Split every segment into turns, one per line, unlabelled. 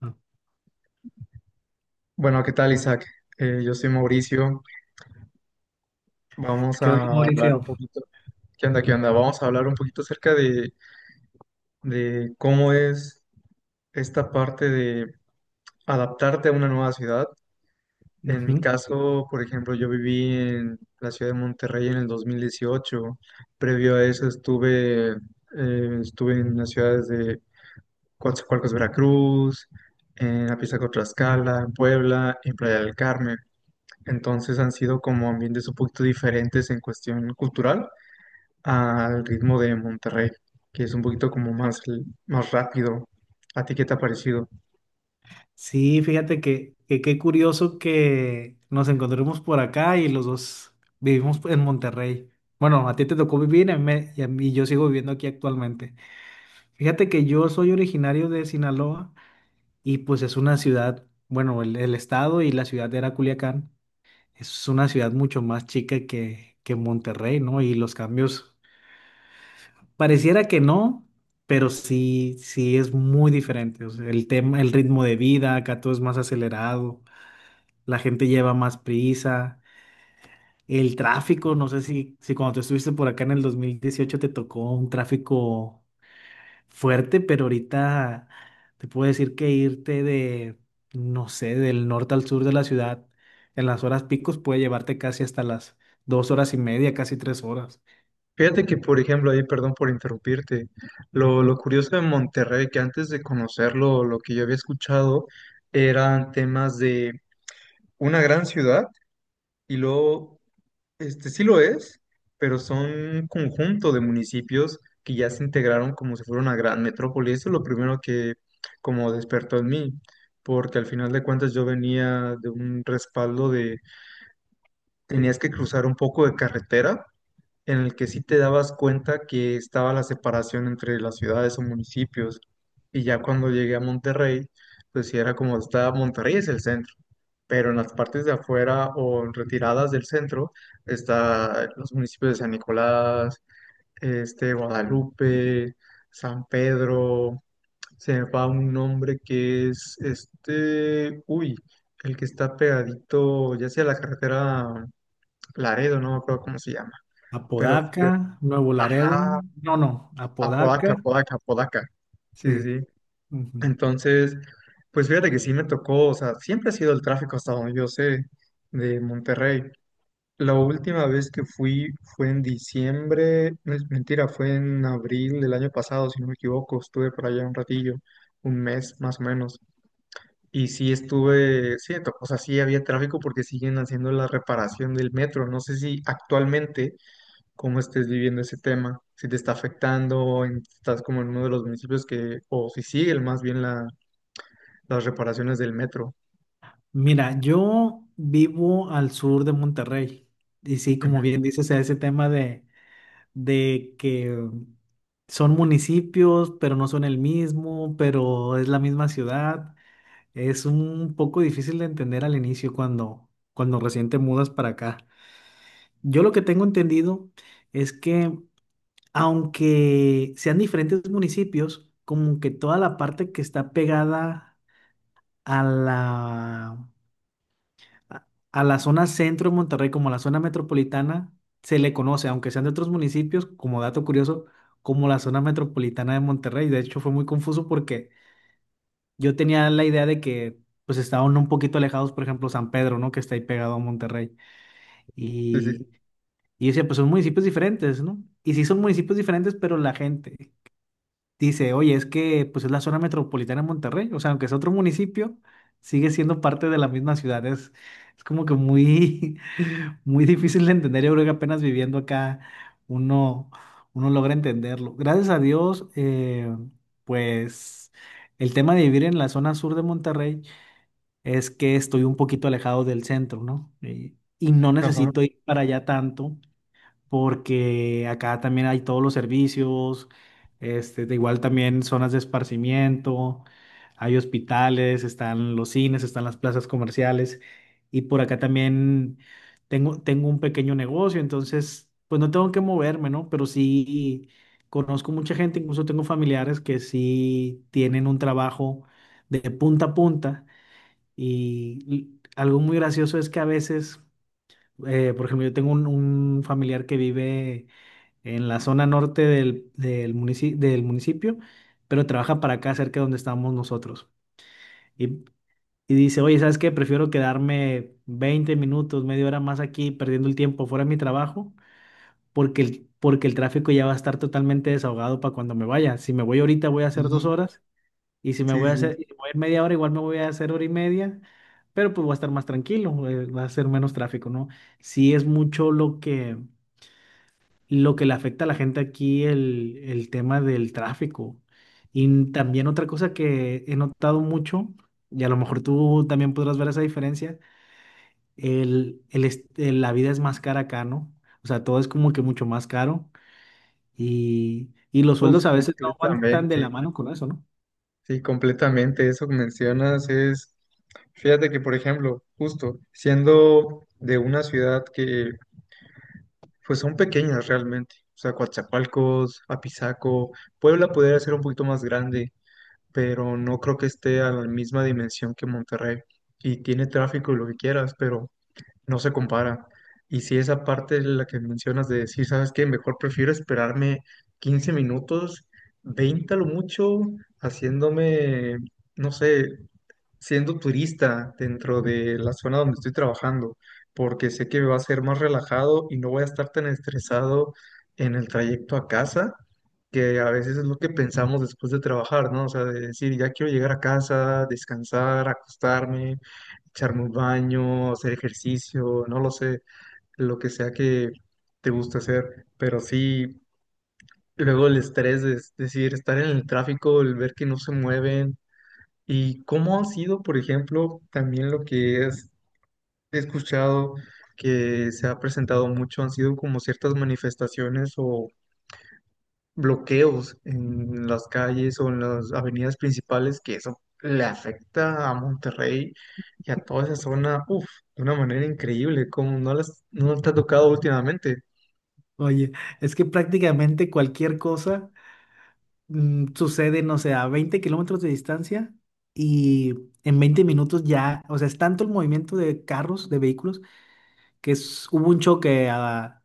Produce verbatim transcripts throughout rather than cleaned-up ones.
Ah,
Bueno, ¿qué tal, Isaac? Eh, yo soy Mauricio. Vamos
¿Qué onda,
a hablar
Mauricio?
un poquito. ¿Qué onda? ¿Qué onda? Vamos a hablar un poquito acerca de, de cómo es esta parte de adaptarte a una nueva ciudad. En mi
Ujú.
caso, por ejemplo, yo viví en la ciudad de Monterrey en el dos mil dieciocho. Previo a eso estuve, eh, estuve en las ciudades de Coatzacoalcos, Veracruz, en Apizaco, Tlaxcala, en Puebla, en Playa del Carmen. Entonces han sido como ambientes un poquito diferentes en cuestión cultural al ritmo de Monterrey, que es un poquito como más, l- más rápido. ¿A ti qué te ha parecido?
Sí, fíjate que, que qué curioso que nos encontremos por acá y los dos vivimos en Monterrey. Bueno, a ti te tocó vivir y a mí me- y, a mí- yo sigo viviendo aquí actualmente. Fíjate que yo soy originario de Sinaloa y pues es una ciudad, bueno, el, el estado y la ciudad era Culiacán. Es una ciudad mucho más chica que, que Monterrey, ¿no? Y los cambios. Pareciera que no, pero sí, sí es muy diferente. O sea, el tema, el ritmo de vida, acá todo es más acelerado, la gente lleva más prisa, el tráfico, no sé si, si, cuando tú estuviste por acá en el dos mil dieciocho te tocó un tráfico fuerte, pero ahorita te puedo decir que irte de, no sé, del norte al sur de la ciudad en las horas picos puede llevarte casi hasta las dos horas y media, casi tres horas.
Fíjate que, por ejemplo, ahí, perdón por interrumpirte, lo, lo curioso de Monterrey, que antes de conocerlo, lo que yo había escuchado eran temas de una gran ciudad y luego este sí lo es, pero son un conjunto de municipios que ya se integraron como si fuera una gran metrópoli. Eso es lo primero que como despertó en mí, porque al final de cuentas yo venía de un respaldo de tenías que cruzar un poco de carretera en el que sí te dabas cuenta que estaba la separación entre las ciudades o municipios. Y ya cuando llegué a Monterrey, pues sí era como está, Monterrey es el centro, pero en las partes de afuera o en retiradas del centro está los municipios de San Nicolás, este, Guadalupe, San Pedro, se me va un nombre que es este, uy, el que está pegadito, ya sea la carretera Laredo, no me acuerdo cómo se llama. Pero sí,
Apodaca, Nuevo Laredo.
ah,
No, no,
a Podaca,
Apodaca.
Podaca, Podaca. Sí, sí,
Sí.
sí.
Ujú.
Entonces, pues fíjate que sí me tocó, o sea, siempre ha sido el tráfico hasta donde yo sé de Monterrey. La última vez que fui fue en diciembre, no es mentira, fue en abril del año pasado, si no me equivoco, estuve por allá un ratillo, un mes más o menos. Y sí estuve, sí, me tocó, o sea, sí había tráfico porque siguen haciendo la reparación del metro. No sé si actualmente cómo estés viviendo ese tema, si te está afectando, en- estás como en uno de los municipios que, o si siguen más bien la- las reparaciones del metro.
Mira, yo vivo al sur de Monterrey. Y sí, como bien
Ujú.
dices, ese tema de, de, que son municipios, pero no son el mismo, pero es la misma ciudad. Es un poco difícil de entender al inicio cuando, cuando recién te mudas para acá. Yo lo que tengo entendido es que aunque sean diferentes municipios, como que toda la parte que está pegada a la, a a la zona centro de Monterrey, como la zona metropolitana, se le conoce, aunque sean de otros municipios, como dato curioso, como la zona metropolitana de Monterrey. De hecho, fue muy confuso porque yo tenía la idea de que pues estaban un poquito alejados, por ejemplo, San Pedro, ¿no? Que está ahí pegado a Monterrey.
Sí, sí, sí.
Y, y yo decía, pues son municipios diferentes, ¿no? Y sí son municipios diferentes, pero la gente. Dice, oye, es que pues es la zona metropolitana de Monterrey, o sea, aunque es otro municipio, sigue siendo parte de la misma ciudad. Es, es como que muy, muy difícil de entender. Yo creo que apenas viviendo acá uno, uno logra entenderlo. Gracias a Dios, eh, pues el tema de vivir en la zona sur de Monterrey es que estoy un poquito alejado del centro, ¿no? Y, y no
Ajá.
necesito ir para allá tanto porque acá también hay todos los servicios, este, de igual también zonas de esparcimiento, hay hospitales, están los cines, están las plazas comerciales y por acá también tengo, tengo un pequeño negocio, entonces pues no tengo que moverme, ¿no? Pero sí conozco mucha gente, incluso tengo familiares que sí tienen un trabajo de punta a punta y y algo muy gracioso es que a veces, eh, por ejemplo, yo tengo un un familiar que vive en la zona norte del, del munici- del municipio, pero trabaja para acá cerca de donde estamos nosotros. Y, y dice, oye, ¿sabes qué? Prefiero quedarme veinte minutos, media hora más aquí, perdiendo el tiempo fuera de mi trabajo, porque el, porque el tráfico ya va a estar totalmente desahogado para cuando me vaya. Si me voy ahorita voy a hacer dos
Y,
horas, y si me
sí,
voy a
sí.
hacer, y voy a ir media hora, igual me voy a hacer hora y media. Pero pues voy a estar más tranquilo, eh, va a ser menos tráfico, ¿no? Si es mucho lo que, lo que le afecta a la gente aquí el, el tema del tráfico. Y también otra cosa que he notado mucho, y a lo mejor tú también podrás ver esa diferencia, el, el, est- el- la vida es más cara acá, ¿no? O sea, todo es como que mucho más caro y, y los
Uf,
sueldos a veces no van tan de
completamente.
la mano con eso, ¿no?
Sí, completamente. Eso que mencionas es, fíjate que, por ejemplo, justo siendo de una ciudad que, pues son pequeñas realmente. O sea, Coatzacoalcos, Apizaco, Puebla podría ser un poquito más grande, pero no creo que esté a la misma dimensión que Monterrey. Y tiene tráfico y lo que quieras, pero no se compara. Y si esa parte es la que mencionas de decir, ¿sabes qué? Mejor prefiero esperarme quince minutos, veinte a lo mucho, haciéndome, no sé, siendo turista dentro de la zona donde estoy trabajando, porque sé que va a ser más relajado y no voy a estar tan estresado en el trayecto a casa, que a veces es lo que pensamos después de trabajar, ¿no? O sea, de decir, ya quiero llegar a casa, descansar, acostarme, echarme un baño, hacer ejercicio, no lo sé, lo que sea que te guste hacer, pero sí, luego el estrés de es decir, estar en el tráfico, el ver que no se mueven. ¿Y cómo ha sido, por ejemplo, también lo que es- he escuchado que se ha presentado mucho, han sido como ciertas manifestaciones o bloqueos en las calles o en las avenidas principales, que eso le afecta a Monterrey y a toda esa zona, uff, de una manera increíble, como no las, no te ha tocado últimamente,
Oye, es que prácticamente cualquier cosa mm, sucede, no sé, a veinte kilómetros de distancia y en veinte minutos ya, o sea, es tanto el movimiento de carros, de vehículos, que es- hubo un choque a,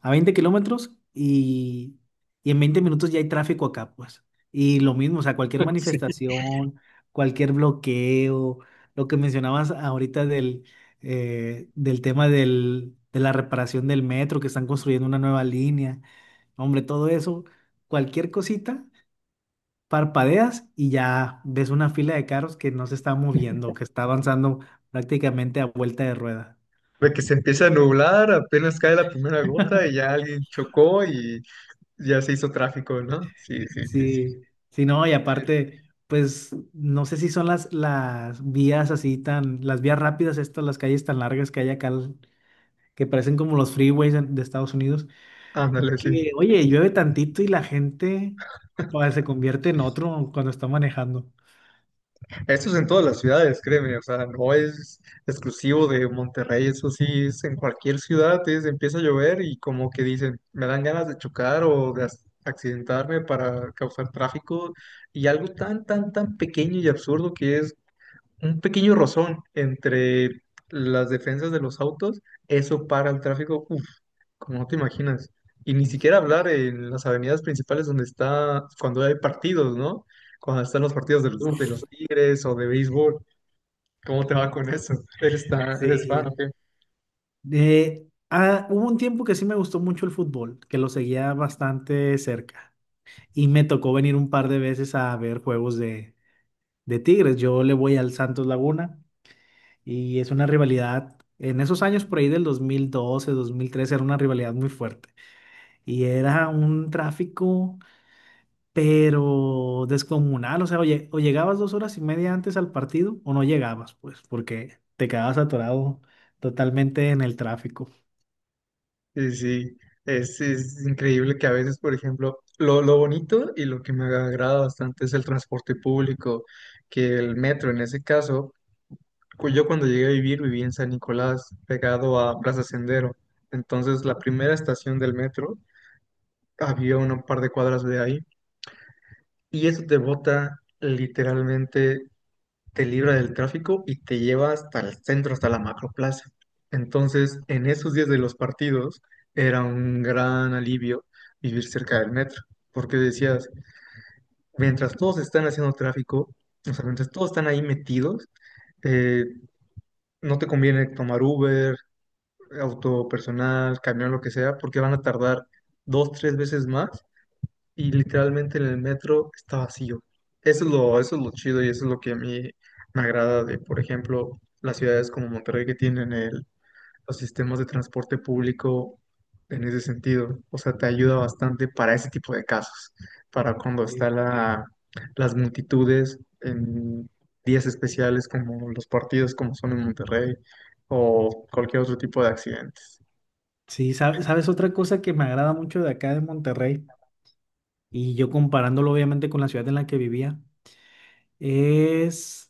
a veinte kilómetros y, y en veinte minutos ya hay tráfico acá, pues. Y lo mismo, o sea, cualquier
sí,
manifestación, cualquier bloqueo, lo que mencionabas ahorita del, eh, del tema del, de la reparación del metro, que están construyendo una nueva línea, hombre, todo eso, cualquier cosita. Parpadeas y ya ves una fila de carros que no se está moviendo, que está avanzando prácticamente a vuelta de rueda.
de que se empieza a nublar, apenas cae la primera gota y ya alguien chocó y ya se hizo tráfico, ¿no? Sí, sí, sí, sí.
Sí, sí, no, y aparte, pues no sé si son las, las, vías así tan, las vías rápidas estas, las calles tan largas que hay acá, l- que parecen como los freeways en- de Estados Unidos,
Ándale, sí.
que oye, llueve tantito y la gente pues, se convierte en otro cuando está manejando.
Eso es en todas las ciudades, créeme, o sea, no es exclusivo de Monterrey, eso sí, es en cualquier ciudad, es- empieza a llover y como que dicen, me dan ganas de chocar o de ac- accidentarme para causar tráfico y algo tan, tan, tan pequeño y absurdo que es un pequeño rozón entre las defensas de los autos, eso para el tráfico, uff, como no te imaginas. Y ni siquiera hablar en las avenidas principales donde está, cuando hay partidos, ¿no? Cuando están los partidos de los, de
Uf.
los Tigres o de béisbol, ¿cómo te va con eso? Eres, tan, eres fan, ¿o
Sí.
qué?
De, ah, hubo un tiempo que sí me gustó mucho el fútbol, que lo seguía bastante cerca. Y me tocó venir un par de veces a ver juegos de, de Tigres. Yo le voy al Santos Laguna. Y es una rivalidad, en esos años por ahí del dos dos mil doce, dos mil dos mil trece, era una rivalidad muy fuerte. Y era un tráfico, pero descomunal. O sea, o, lle- o llegabas dos horas y media antes al partido o no llegabas, pues, porque te quedabas atorado totalmente en el tráfico.
Sí, sí, es, es increíble que a veces, por ejemplo, lo, lo bonito y lo que me agrada bastante es el transporte público, que el metro en ese caso cu- yo cuando llegué a vivir, viví en San Nicolás, pegado a Plaza Sendero. Entonces, la primera estación del metro había un par de cuadras de ahí. Y eso te bota literalmente, te libra del tráfico y te lleva hasta el centro, hasta la macroplaza. Entonces, en esos días de los partidos, era un gran alivio vivir cerca del metro. Porque decías, mientras todos están haciendo tráfico, o sea, mientras todos están ahí metidos, eh, no te conviene tomar Uber, auto personal, camión, lo que sea, porque van a tardar dos, tres veces más y literalmente en el metro está vacío. Eso es lo, eso es lo chido y eso es lo que a mí me agrada de, por ejemplo, las ciudades como Monterrey que tienen el, los sistemas de transporte público en ese sentido. O sea, te ayuda bastante para ese tipo de casos, para cuando
Sí,
está la, las multitudes en días especiales como los partidos como son en Monterrey o cualquier otro tipo de accidentes.
sí, sa- sabes otra cosa que me agrada mucho de acá de Monterrey, y yo comparándolo obviamente con la ciudad en la que vivía, es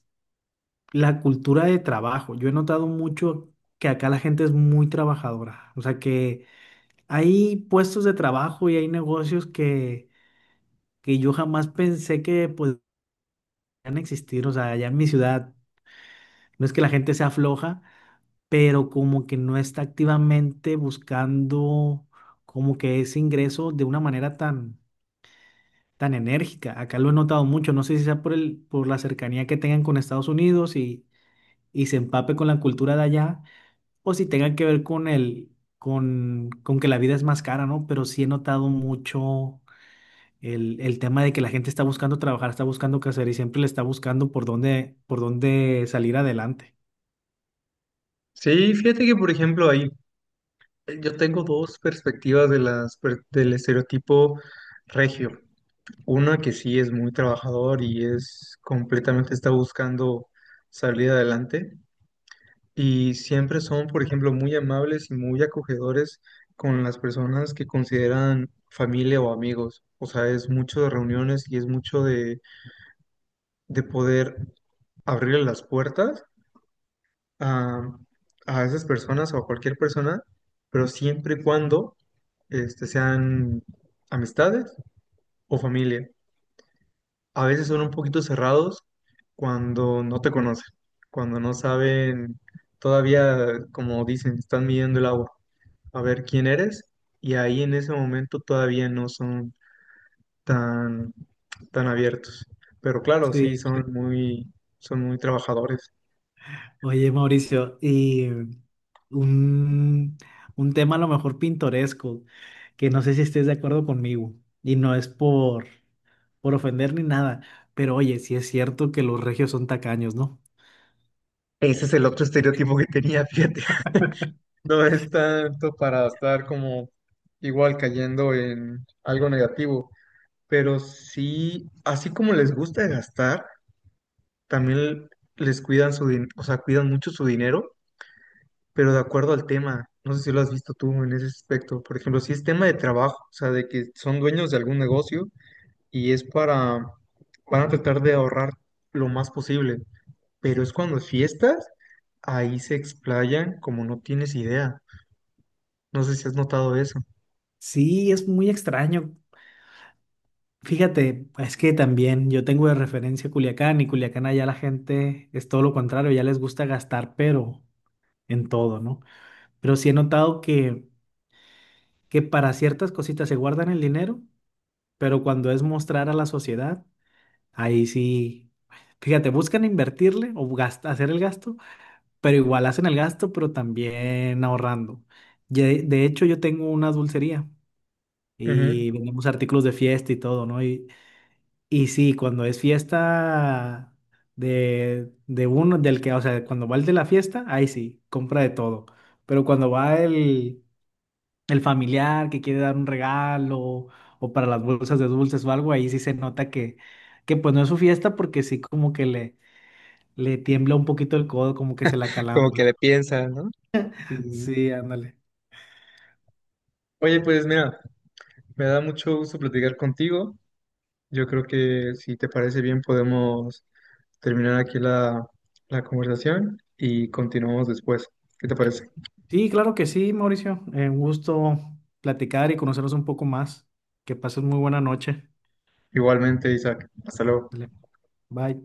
la cultura de trabajo. Yo he notado mucho que acá la gente es muy trabajadora. O sea que hay puestos de trabajo y hay negocios que, que yo jamás pensé que podrían existir. O sea, allá en mi ciudad no es que la gente sea floja, pero como que no está activamente buscando como que ese ingreso de una manera tan, tan enérgica. Acá lo he notado mucho. No sé si sea por el, por la cercanía que tengan con Estados Unidos y, y se empape con la cultura de allá o si tenga que ver con el, con, con que la vida es más cara, ¿no? Pero sí he notado mucho el, el tema de que la gente está buscando trabajar, está buscando qué hacer y siempre le está buscando por dónde, por dónde salir adelante.
Sí, fíjate que, por ejemplo, ahí eh, yo tengo dos perspectivas de las, per- del estereotipo regio. Una que sí es muy trabajador y es completamente está buscando salir adelante. Y siempre son, por ejemplo, muy amables y muy acogedores con las personas que consideran familia o amigos. O sea, es mucho de reuniones y es mucho de, de poder abrirle las puertas a, a esas personas o a cualquier persona, pero siempre y cuando este, sean amistades o familia. A veces son un poquito cerrados cuando no te conocen, cuando no saben, todavía, como dicen, están midiendo el agua, a ver quién eres y ahí en ese momento todavía no son tan, tan abiertos. Pero claro, sí,
Sí.
son muy, son muy trabajadores.
Oye, Mauricio, y un, un tema a lo mejor pintoresco, que no sé si estés de acuerdo conmigo, y no es por, por ofender ni nada, pero oye, sí es cierto que los regios son tacaños, ¿no?
Ese es el otro estereotipo que tenía, fíjate. No es tanto para estar como igual cayendo en algo negativo, pero sí, así como les gusta gastar, también les cuidan su dinero, o sea, cuidan mucho su dinero pero de acuerdo al tema. No sé si lo has visto tú en ese aspecto. Por ejemplo, si es tema de trabajo, o sea, de que son dueños de algún negocio y es para, van a tratar de ahorrar lo más posible, pero es cuando es fiestas, ahí se explayan como no tienes idea. No sé si has notado eso.
Sí, es muy extraño. Fíjate, es que también yo tengo de referencia Culiacán y Culiacán allá la gente es todo lo contrario, ya les gusta gastar, pero en todo, ¿no? Pero sí he notado que, que para ciertas cositas se guardan el dinero, pero cuando es mostrar a la sociedad, ahí sí, fíjate, buscan invertirle o gast- hacer el gasto, pero igual hacen el gasto, pero también ahorrando. Ye- De hecho, yo tengo una dulcería
Ujú.
y vendemos artículos de fiesta y todo, ¿no? Y sí, cuando es fiesta de, de, uno, del que, o sea, cuando va el de la fiesta, ahí sí, compra de todo. Pero cuando va el, el familiar que quiere dar un regalo o para las bolsas de dulces o algo, ahí sí se nota que, que, pues no es su fiesta porque sí como que le, le tiembla un poquito el codo, como que se la
Como que
calambra.
le piensan, ¿no? Sí, sí, sí.
Sí, ándale.
Oye, pues mira, me da mucho gusto platicar contigo. Yo creo que si te parece bien podemos terminar aquí la, la conversación y continuamos después. ¿Qué te parece?
Sí, claro que sí, Mauricio. Eh, un gusto platicar y conocernos un poco más. Que pases muy buena noche.
Igualmente, Isaac. Hasta luego.
Dale, Bye.